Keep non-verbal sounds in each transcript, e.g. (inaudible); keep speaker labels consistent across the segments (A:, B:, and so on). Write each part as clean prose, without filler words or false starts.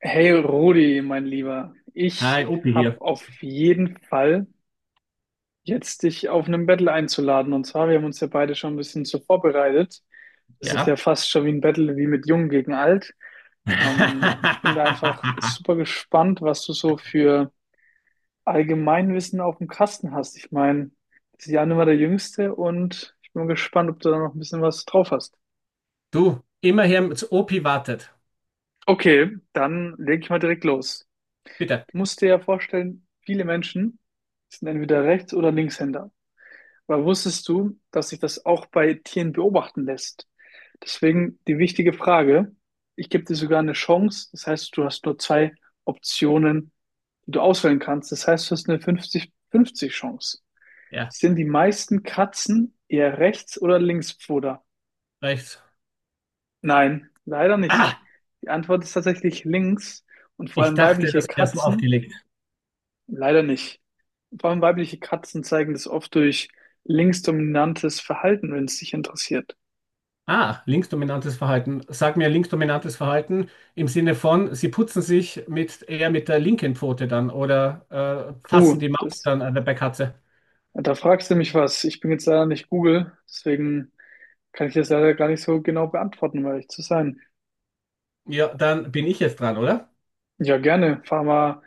A: Hey Rudi, mein Lieber, ich
B: Hi, Opi
A: habe
B: hier.
A: auf jeden Fall jetzt dich auf einen Battle einzuladen. Und zwar, wir haben uns ja beide schon ein bisschen so vorbereitet. Das ist ja
B: Ja.
A: fast schon wie ein Battle wie mit Jung gegen Alt. Ich bin da
B: (laughs)
A: einfach super gespannt, was du so für Allgemeinwissen auf dem Kasten hast. Ich meine, das ist ja immer der Jüngste und ich bin gespannt, ob du da noch ein bisschen was drauf hast.
B: Du, immer hier zu Opi wartet.
A: Okay, dann leg ich mal direkt los.
B: Bitte.
A: Du musst dir ja vorstellen, viele Menschen sind entweder Rechts- oder Linkshänder. Aber wusstest du, dass sich das auch bei Tieren beobachten lässt? Deswegen die wichtige Frage, ich gebe dir sogar eine Chance, das heißt, du hast nur zwei Optionen, die du auswählen kannst. Das heißt, du hast eine 50-50 Chance.
B: Ja,
A: Sind die meisten Katzen eher Rechts- oder Linkspfoter?
B: rechts.
A: Nein, leider nicht.
B: Ah,
A: Die Antwort ist tatsächlich links und vor
B: ich
A: allem
B: dachte,
A: weibliche
B: das wäre so
A: Katzen.
B: aufgelegt.
A: Leider nicht. Vor allem weibliche Katzen zeigen das oft durch linksdominantes Verhalten, wenn es dich interessiert.
B: Ah, linksdominantes Verhalten. Sag mir linksdominantes Verhalten im Sinne von, sie putzen sich mit eher mit der linken Pfote dann oder fassen
A: Puh,
B: die Maus
A: das,
B: dann an der bei Katze.
A: da fragst du mich was. Ich bin jetzt leider nicht Google, deswegen kann ich das leider gar nicht so genau beantworten, um ehrlich zu sein.
B: Ja, dann bin ich jetzt dran, oder?
A: Ja, gerne. Fahr mal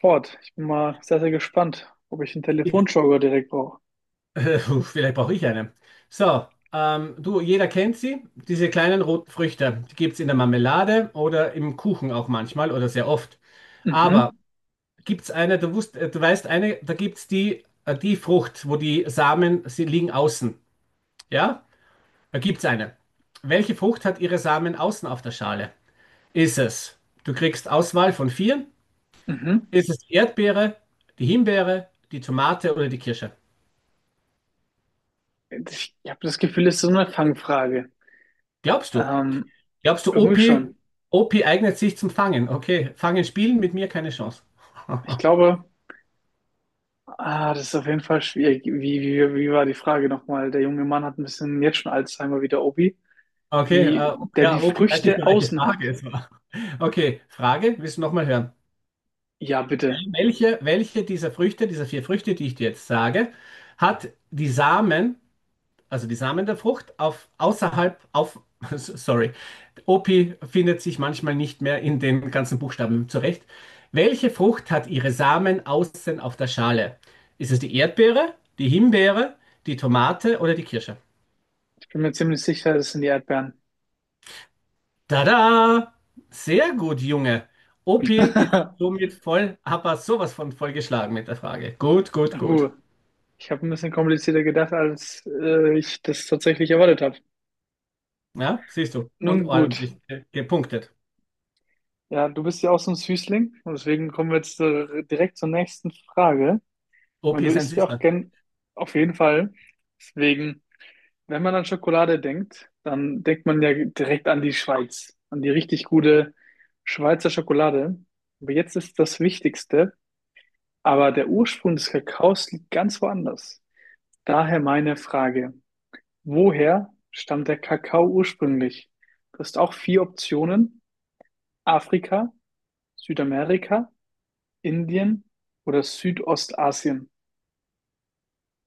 A: fort. Ich bin mal sehr, sehr gespannt, ob ich einen Telefonjogger direkt brauche.
B: (laughs) Vielleicht brauche ich eine. So, du, jeder kennt sie, diese kleinen roten Früchte. Die gibt es in der Marmelade oder im Kuchen auch manchmal oder sehr oft. Aber
A: Mhm,
B: gibt es eine, du weißt eine, da gibt es die Frucht, wo die Samen, sie liegen außen. Ja, da gibt es eine. Welche Frucht hat ihre Samen außen auf der Schale? Ist es, Du kriegst Auswahl von vier.
A: mhm.
B: Ist es die Erdbeere, die Himbeere, die Tomate oder die Kirsche?
A: Ich habe das Gefühl, es ist so eine Fangfrage.
B: Glaubst du?
A: Ähm,
B: Glaubst du,
A: irgendwie
B: OP?
A: schon.
B: OP eignet sich zum Fangen? Okay, Fangen spielen mit mir keine Chance.
A: Ich
B: (laughs)
A: glaube, ah, das ist auf jeden Fall schwierig. Wie war die Frage nochmal? Der junge Mann hat ein bisschen jetzt schon Alzheimer wie der Obi.
B: Okay,
A: Wie der die
B: ja, OP weiß nicht
A: Früchte
B: mehr, welche
A: außen
B: Frage
A: hat.
B: es war. Okay, Frage, willst du nochmal hören?
A: Ja,
B: Ja,
A: bitte.
B: Welche dieser Früchte, dieser vier Früchte, die ich dir jetzt sage, hat die Samen, also die Samen der Frucht, auf außerhalb, auf, (laughs) sorry, OP findet sich manchmal nicht mehr in den ganzen Buchstaben zurecht. Welche Frucht hat ihre Samen außen auf der Schale? Ist es die Erdbeere, die Himbeere, die Tomate oder die Kirsche?
A: Ich bin mir ziemlich sicher, das sind die Erdbeeren.
B: Tada! Sehr gut, Junge. Opi ist
A: (laughs)
B: somit voll, aber sowas von vollgeschlagen mit der Frage. Gut, gut, gut.
A: Huh. Ich habe ein bisschen komplizierter gedacht, als ich das tatsächlich erwartet habe.
B: Ja, siehst du. Und
A: Nun gut.
B: ordentlich gepunktet.
A: Ja, du bist ja auch so ein Süßling und deswegen kommen wir jetzt direkt zur nächsten Frage. Ich
B: Opi
A: meine, du
B: ist ein
A: isst ja auch
B: Süßer.
A: gern auf jeden Fall. Deswegen. Wenn man an Schokolade denkt, dann denkt man ja direkt an die Schweiz, an die richtig gute Schweizer Schokolade. Aber jetzt ist das Wichtigste, aber der Ursprung des Kakaos liegt ganz woanders. Daher meine Frage, woher stammt der Kakao ursprünglich? Du hast auch vier Optionen, Afrika, Südamerika, Indien oder Südostasien.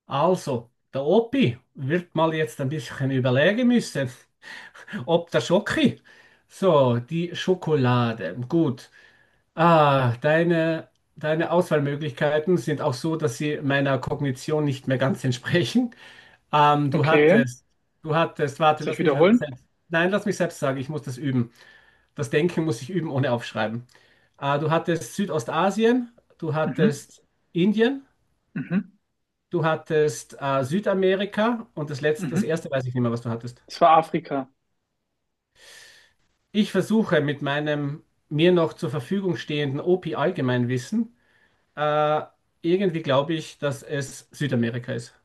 B: Also, der Opi wird mal jetzt ein bisschen überlegen müssen, ob der Schoki. So, die Schokolade. Gut. Ah, deine Auswahlmöglichkeiten sind auch so, dass sie meiner Kognition nicht mehr ganz (laughs) entsprechen. Ähm, du
A: Okay,
B: hattest, Du hattest, warte,
A: soll ich
B: lass mich selbst,
A: wiederholen?
B: nein, lass mich selbst sagen, ich muss das üben. Das Denken muss ich üben, ohne aufschreiben. Ah, du hattest Südostasien, du
A: Mhm,
B: hattest Indien.
A: mhm,
B: Du hattest Südamerika und das
A: mhm.
B: erste weiß ich nicht mehr, was du hattest.
A: Es war Afrika.
B: Ich versuche mit meinem mir noch zur Verfügung stehenden OP-Allgemeinwissen, äh, irgendwie glaube ich, dass es Südamerika ist.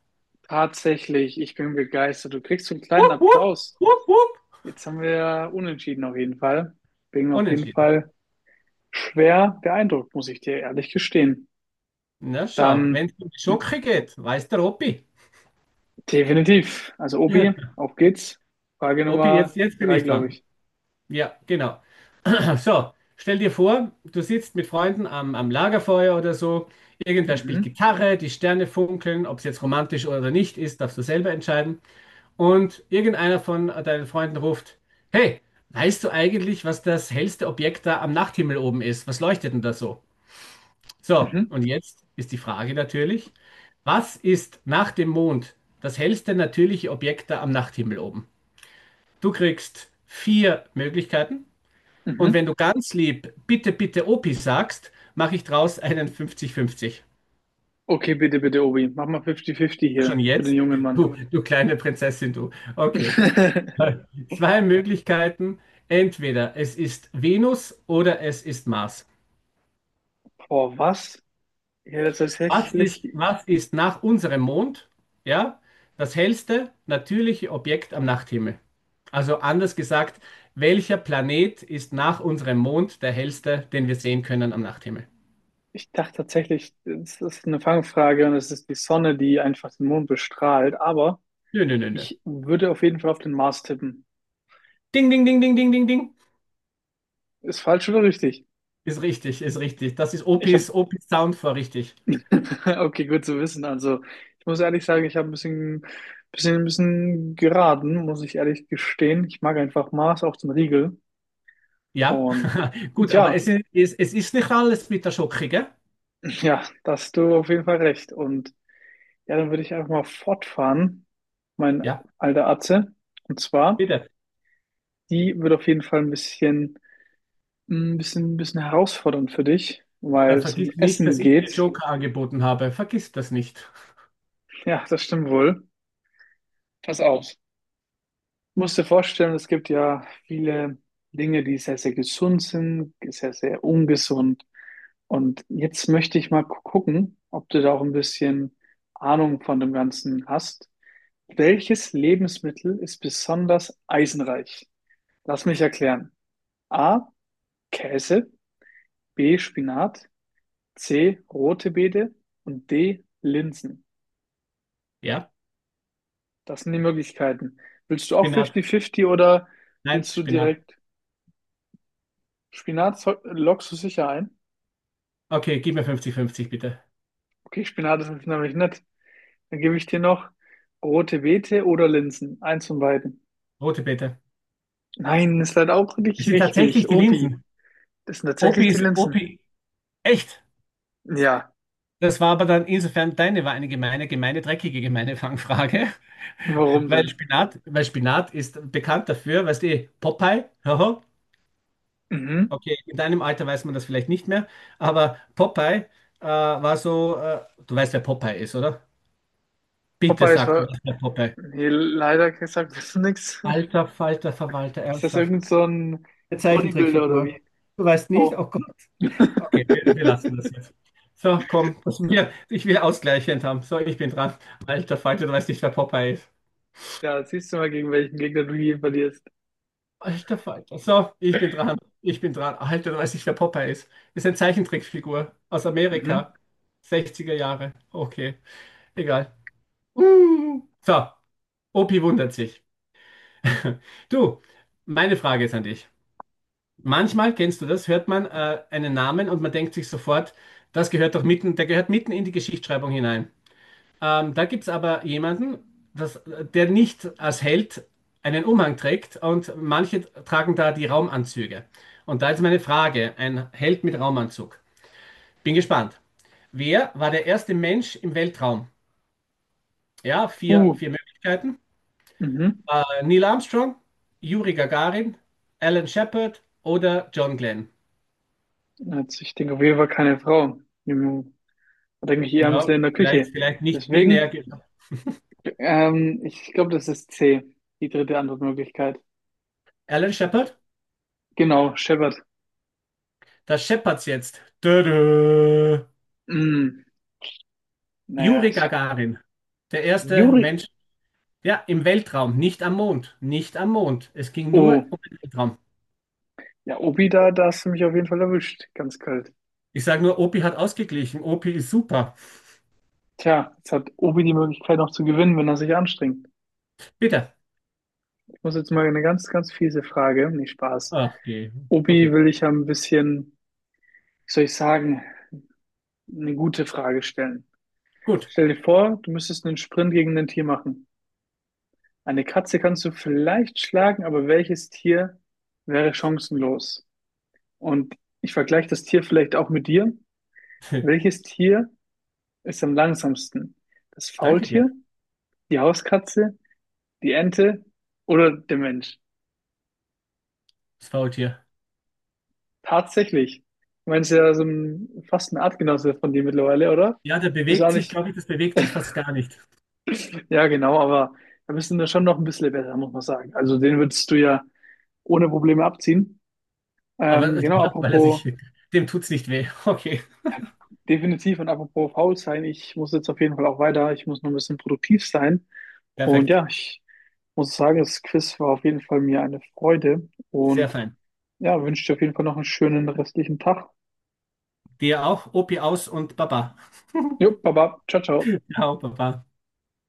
A: Tatsächlich, ich bin begeistert. Du kriegst so einen kleinen
B: Wupp, wupp,
A: Applaus.
B: wupp, wupp.
A: Jetzt haben wir unentschieden auf jeden Fall. Bin auf jeden
B: Unentschieden.
A: Fall schwer beeindruckt, muss ich dir ehrlich gestehen.
B: Na schau,
A: Dann
B: wenn es um die
A: m-
B: Schocke geht, weiß der Opi.
A: definitiv. Also Obi,
B: (laughs)
A: auf geht's. Frage
B: Opi,
A: Nummer
B: jetzt bin
A: drei,
B: ich
A: glaube
B: dran.
A: ich.
B: Ja, genau. So, stell dir vor, du sitzt mit Freunden am Lagerfeuer oder so. Irgendwer spielt
A: Mhm,
B: Gitarre, die Sterne funkeln, ob es jetzt romantisch oder nicht ist, darfst du selber entscheiden. Und irgendeiner von deinen Freunden ruft: Hey, weißt du eigentlich, was das hellste Objekt da am Nachthimmel oben ist? Was leuchtet denn da so? So,
A: mhm,
B: und jetzt ist die Frage natürlich: Was ist nach dem Mond das hellste natürliche Objekt da am Nachthimmel oben? Du kriegst vier Möglichkeiten. Und wenn
A: mhm.
B: du ganz lieb bitte, bitte Opi sagst, mache ich draus einen 50-50.
A: Okay, bitte, bitte, Obi. Mach mal 50-50
B: Schon
A: hier für den
B: jetzt?
A: jungen Mann.
B: Du kleine Prinzessin, du. Okay.
A: (laughs)
B: Zwei Möglichkeiten. Entweder es ist Venus oder es ist Mars.
A: Boah, was? Ja, tatsächlich.
B: Was ist nach unserem Mond? Ja, das hellste natürliche Objekt am Nachthimmel. Also anders gesagt, welcher Planet ist nach unserem Mond der hellste, den wir sehen können am Nachthimmel?
A: Ich dachte tatsächlich, es ist eine Fangfrage und es ist die Sonne, die einfach den Mond bestrahlt. Aber
B: Nö, nö, nö, nö.
A: ich würde auf jeden Fall auf den Mars tippen.
B: Ding, ding, ding, ding, ding, ding, ding.
A: Ist falsch oder richtig?
B: Ist richtig, ist richtig. Das ist
A: Ich habe,
B: Opis Sound vor, richtig.
A: (laughs) okay, gut zu wissen. Also ich muss ehrlich sagen, ich habe ein bisschen geraten, muss ich ehrlich gestehen. Ich mag einfach Mars auch zum Riegel.
B: Ja,
A: Und
B: (laughs) gut, aber
A: ja,
B: es ist, es ist nicht alles mit der Schoki, gell?
A: (laughs) ja, da hast du auf jeden Fall recht. Und ja, dann würde ich einfach mal fortfahren, mein
B: Ja,
A: alter Atze. Und zwar,
B: bitte.
A: die wird auf jeden Fall ein bisschen. Ein bisschen herausfordernd für dich, weil
B: Dann
A: es um
B: vergiss nicht,
A: Essen
B: dass ich dir
A: geht. (laughs)
B: Joker angeboten habe. Vergiss das nicht.
A: Ja, das stimmt wohl. Pass auf. Du musst dir vorstellen, es gibt ja viele Dinge, die sehr, sehr gesund sind, sehr, sehr ungesund. Und jetzt möchte ich mal gucken, ob du da auch ein bisschen Ahnung von dem Ganzen hast. Welches Lebensmittel ist besonders eisenreich? Lass mich erklären. A. Käse, B. Spinat, C. Rote Beete und D. Linsen.
B: Ja,
A: Das sind die Möglichkeiten. Willst du auch
B: Spinat.
A: 50-50 oder
B: Nein,
A: willst du
B: Spinat.
A: direkt Spinat? Lockst du sicher ein?
B: Okay, gib mir fünfzig, fünfzig, bitte.
A: Okay, Spinat ist nämlich nett. Dann gebe ich dir noch rote Beete oder Linsen. Eins von beiden.
B: Rote Beete.
A: Nein, ist leider auch
B: Es
A: nicht
B: sind tatsächlich
A: richtig.
B: die
A: Obi,
B: Linsen.
A: das sind tatsächlich die Linsen.
B: Opi, echt.
A: Ja,
B: Das war aber dann insofern deine, war eine gemeine, gemeine, dreckige, gemeine Fangfrage. (laughs)
A: warum denn?
B: Weil Spinat ist bekannt dafür, weißt du, eh, Popeye, haha.
A: Mhm.
B: Okay, in deinem Alter weiß man das vielleicht nicht mehr, aber Popeye war so, du weißt, wer Popeye ist, oder? Bitte
A: Popeye ist
B: sag, du
A: war.
B: weißt, wer Popeye.
A: Nee, leider gesagt, (laughs) das ist nix. (laughs)
B: Alter Falter Verwalter,
A: Ist das
B: ernsthaft.
A: irgend so ein
B: Eine
A: Bodybuilder oder
B: Zeichentrickfigur.
A: wie?
B: Du weißt nicht?
A: Oh. (laughs)
B: Oh Gott. Okay, wir lassen das jetzt. So, komm, ich will ausgleichend haben. So, ich bin dran. Alter Falter, du weißt nicht, wer Popeye ist.
A: Ja, siehst du mal, gegen welchen Gegner du hier verlierst.
B: Alter Falter. So, ich bin dran. Ich bin dran. Alter, du weißt nicht, wer Popeye ist. Ist eine Zeichentrickfigur aus
A: Mhm.
B: Amerika. 60er Jahre. Okay, egal. So, Opi wundert sich. (laughs) Du, meine Frage ist an dich. Manchmal, kennst du das, hört man einen Namen und man denkt sich sofort, das gehört doch mitten, der gehört mitten in die Geschichtsschreibung hinein. Da gibt es aber jemanden, der nicht als Held einen Umhang trägt und manche tragen da die Raumanzüge. Und da ist meine Frage, ein Held mit Raumanzug. Bin gespannt. Wer war der erste Mensch im Weltraum? Ja,
A: Uh.
B: vier Möglichkeiten.
A: Mhm.
B: Neil Armstrong, Juri Gagarin, Alan Shepard oder John Glenn.
A: Also ich denke auf jeden Fall keine Frau. Hm, da denke ich eher ans
B: Ja,
A: Land in der
B: vielleicht,
A: Küche.
B: vielleicht nicht binär.
A: Deswegen, ich glaube, das ist C, die dritte Antwortmöglichkeit.
B: Alan Shepard,
A: Genau, Shepard.
B: das Shepards jetzt. Tada.
A: Hm, naja,
B: Juri
A: ich,
B: Gagarin, der erste
A: Juri.
B: Mensch, ja, im Weltraum, nicht am Mond, nicht am Mond. Es ging
A: Oh,
B: nur um den Weltraum.
A: ja, Obi, da, da hast du mich auf jeden Fall erwischt. Ganz kalt.
B: Ich sage nur, Opi hat ausgeglichen. Opi ist super.
A: Tja, jetzt hat Obi die Möglichkeit noch zu gewinnen, wenn er sich anstrengt.
B: Bitte.
A: Ich muss jetzt mal eine ganz, ganz fiese Frage. Nee, Spaß.
B: Ach, okay.
A: Obi
B: Okay,
A: will ich ja ein bisschen, wie soll ich sagen, eine gute Frage stellen.
B: gut.
A: Stell dir vor, du müsstest einen Sprint gegen ein Tier machen. Eine Katze kannst du vielleicht schlagen, aber welches Tier wäre chancenlos? Und ich vergleiche das Tier vielleicht auch mit dir.
B: (laughs)
A: Welches Tier ist am langsamsten? Das
B: Danke
A: Faultier,
B: dir,
A: die Hauskatze, die Ente oder der Mensch?
B: das Faultier.
A: Tatsächlich. Du meinst ja so ein, fast ein Artgenosse von dir mittlerweile, oder?
B: Ja, der
A: Bist
B: bewegt
A: auch
B: sich,
A: nicht.
B: glaube ich, das bewegt sich fast gar nicht.
A: Ja, genau, aber da bist du schon noch ein bisschen besser, muss man sagen. Also den würdest du ja ohne Probleme abziehen.
B: Aber (laughs)
A: Genau,
B: ja, weil er
A: apropos,
B: sich, (laughs) dem tut's nicht weh. (laughs) Okay,
A: ja, definitiv und apropos faul sein, ich muss jetzt auf jeden Fall auch weiter, ich muss noch ein bisschen produktiv sein. Und
B: perfekt.
A: ja, ich muss sagen, das Quiz war auf jeden Fall mir eine Freude
B: Sehr
A: und
B: fein.
A: ja, wünsche dir auf jeden Fall noch einen schönen restlichen Tag.
B: Dir auch, Opi aus und Baba.
A: Jo, Baba, ciao, ciao.
B: (laughs) Ciao, Baba.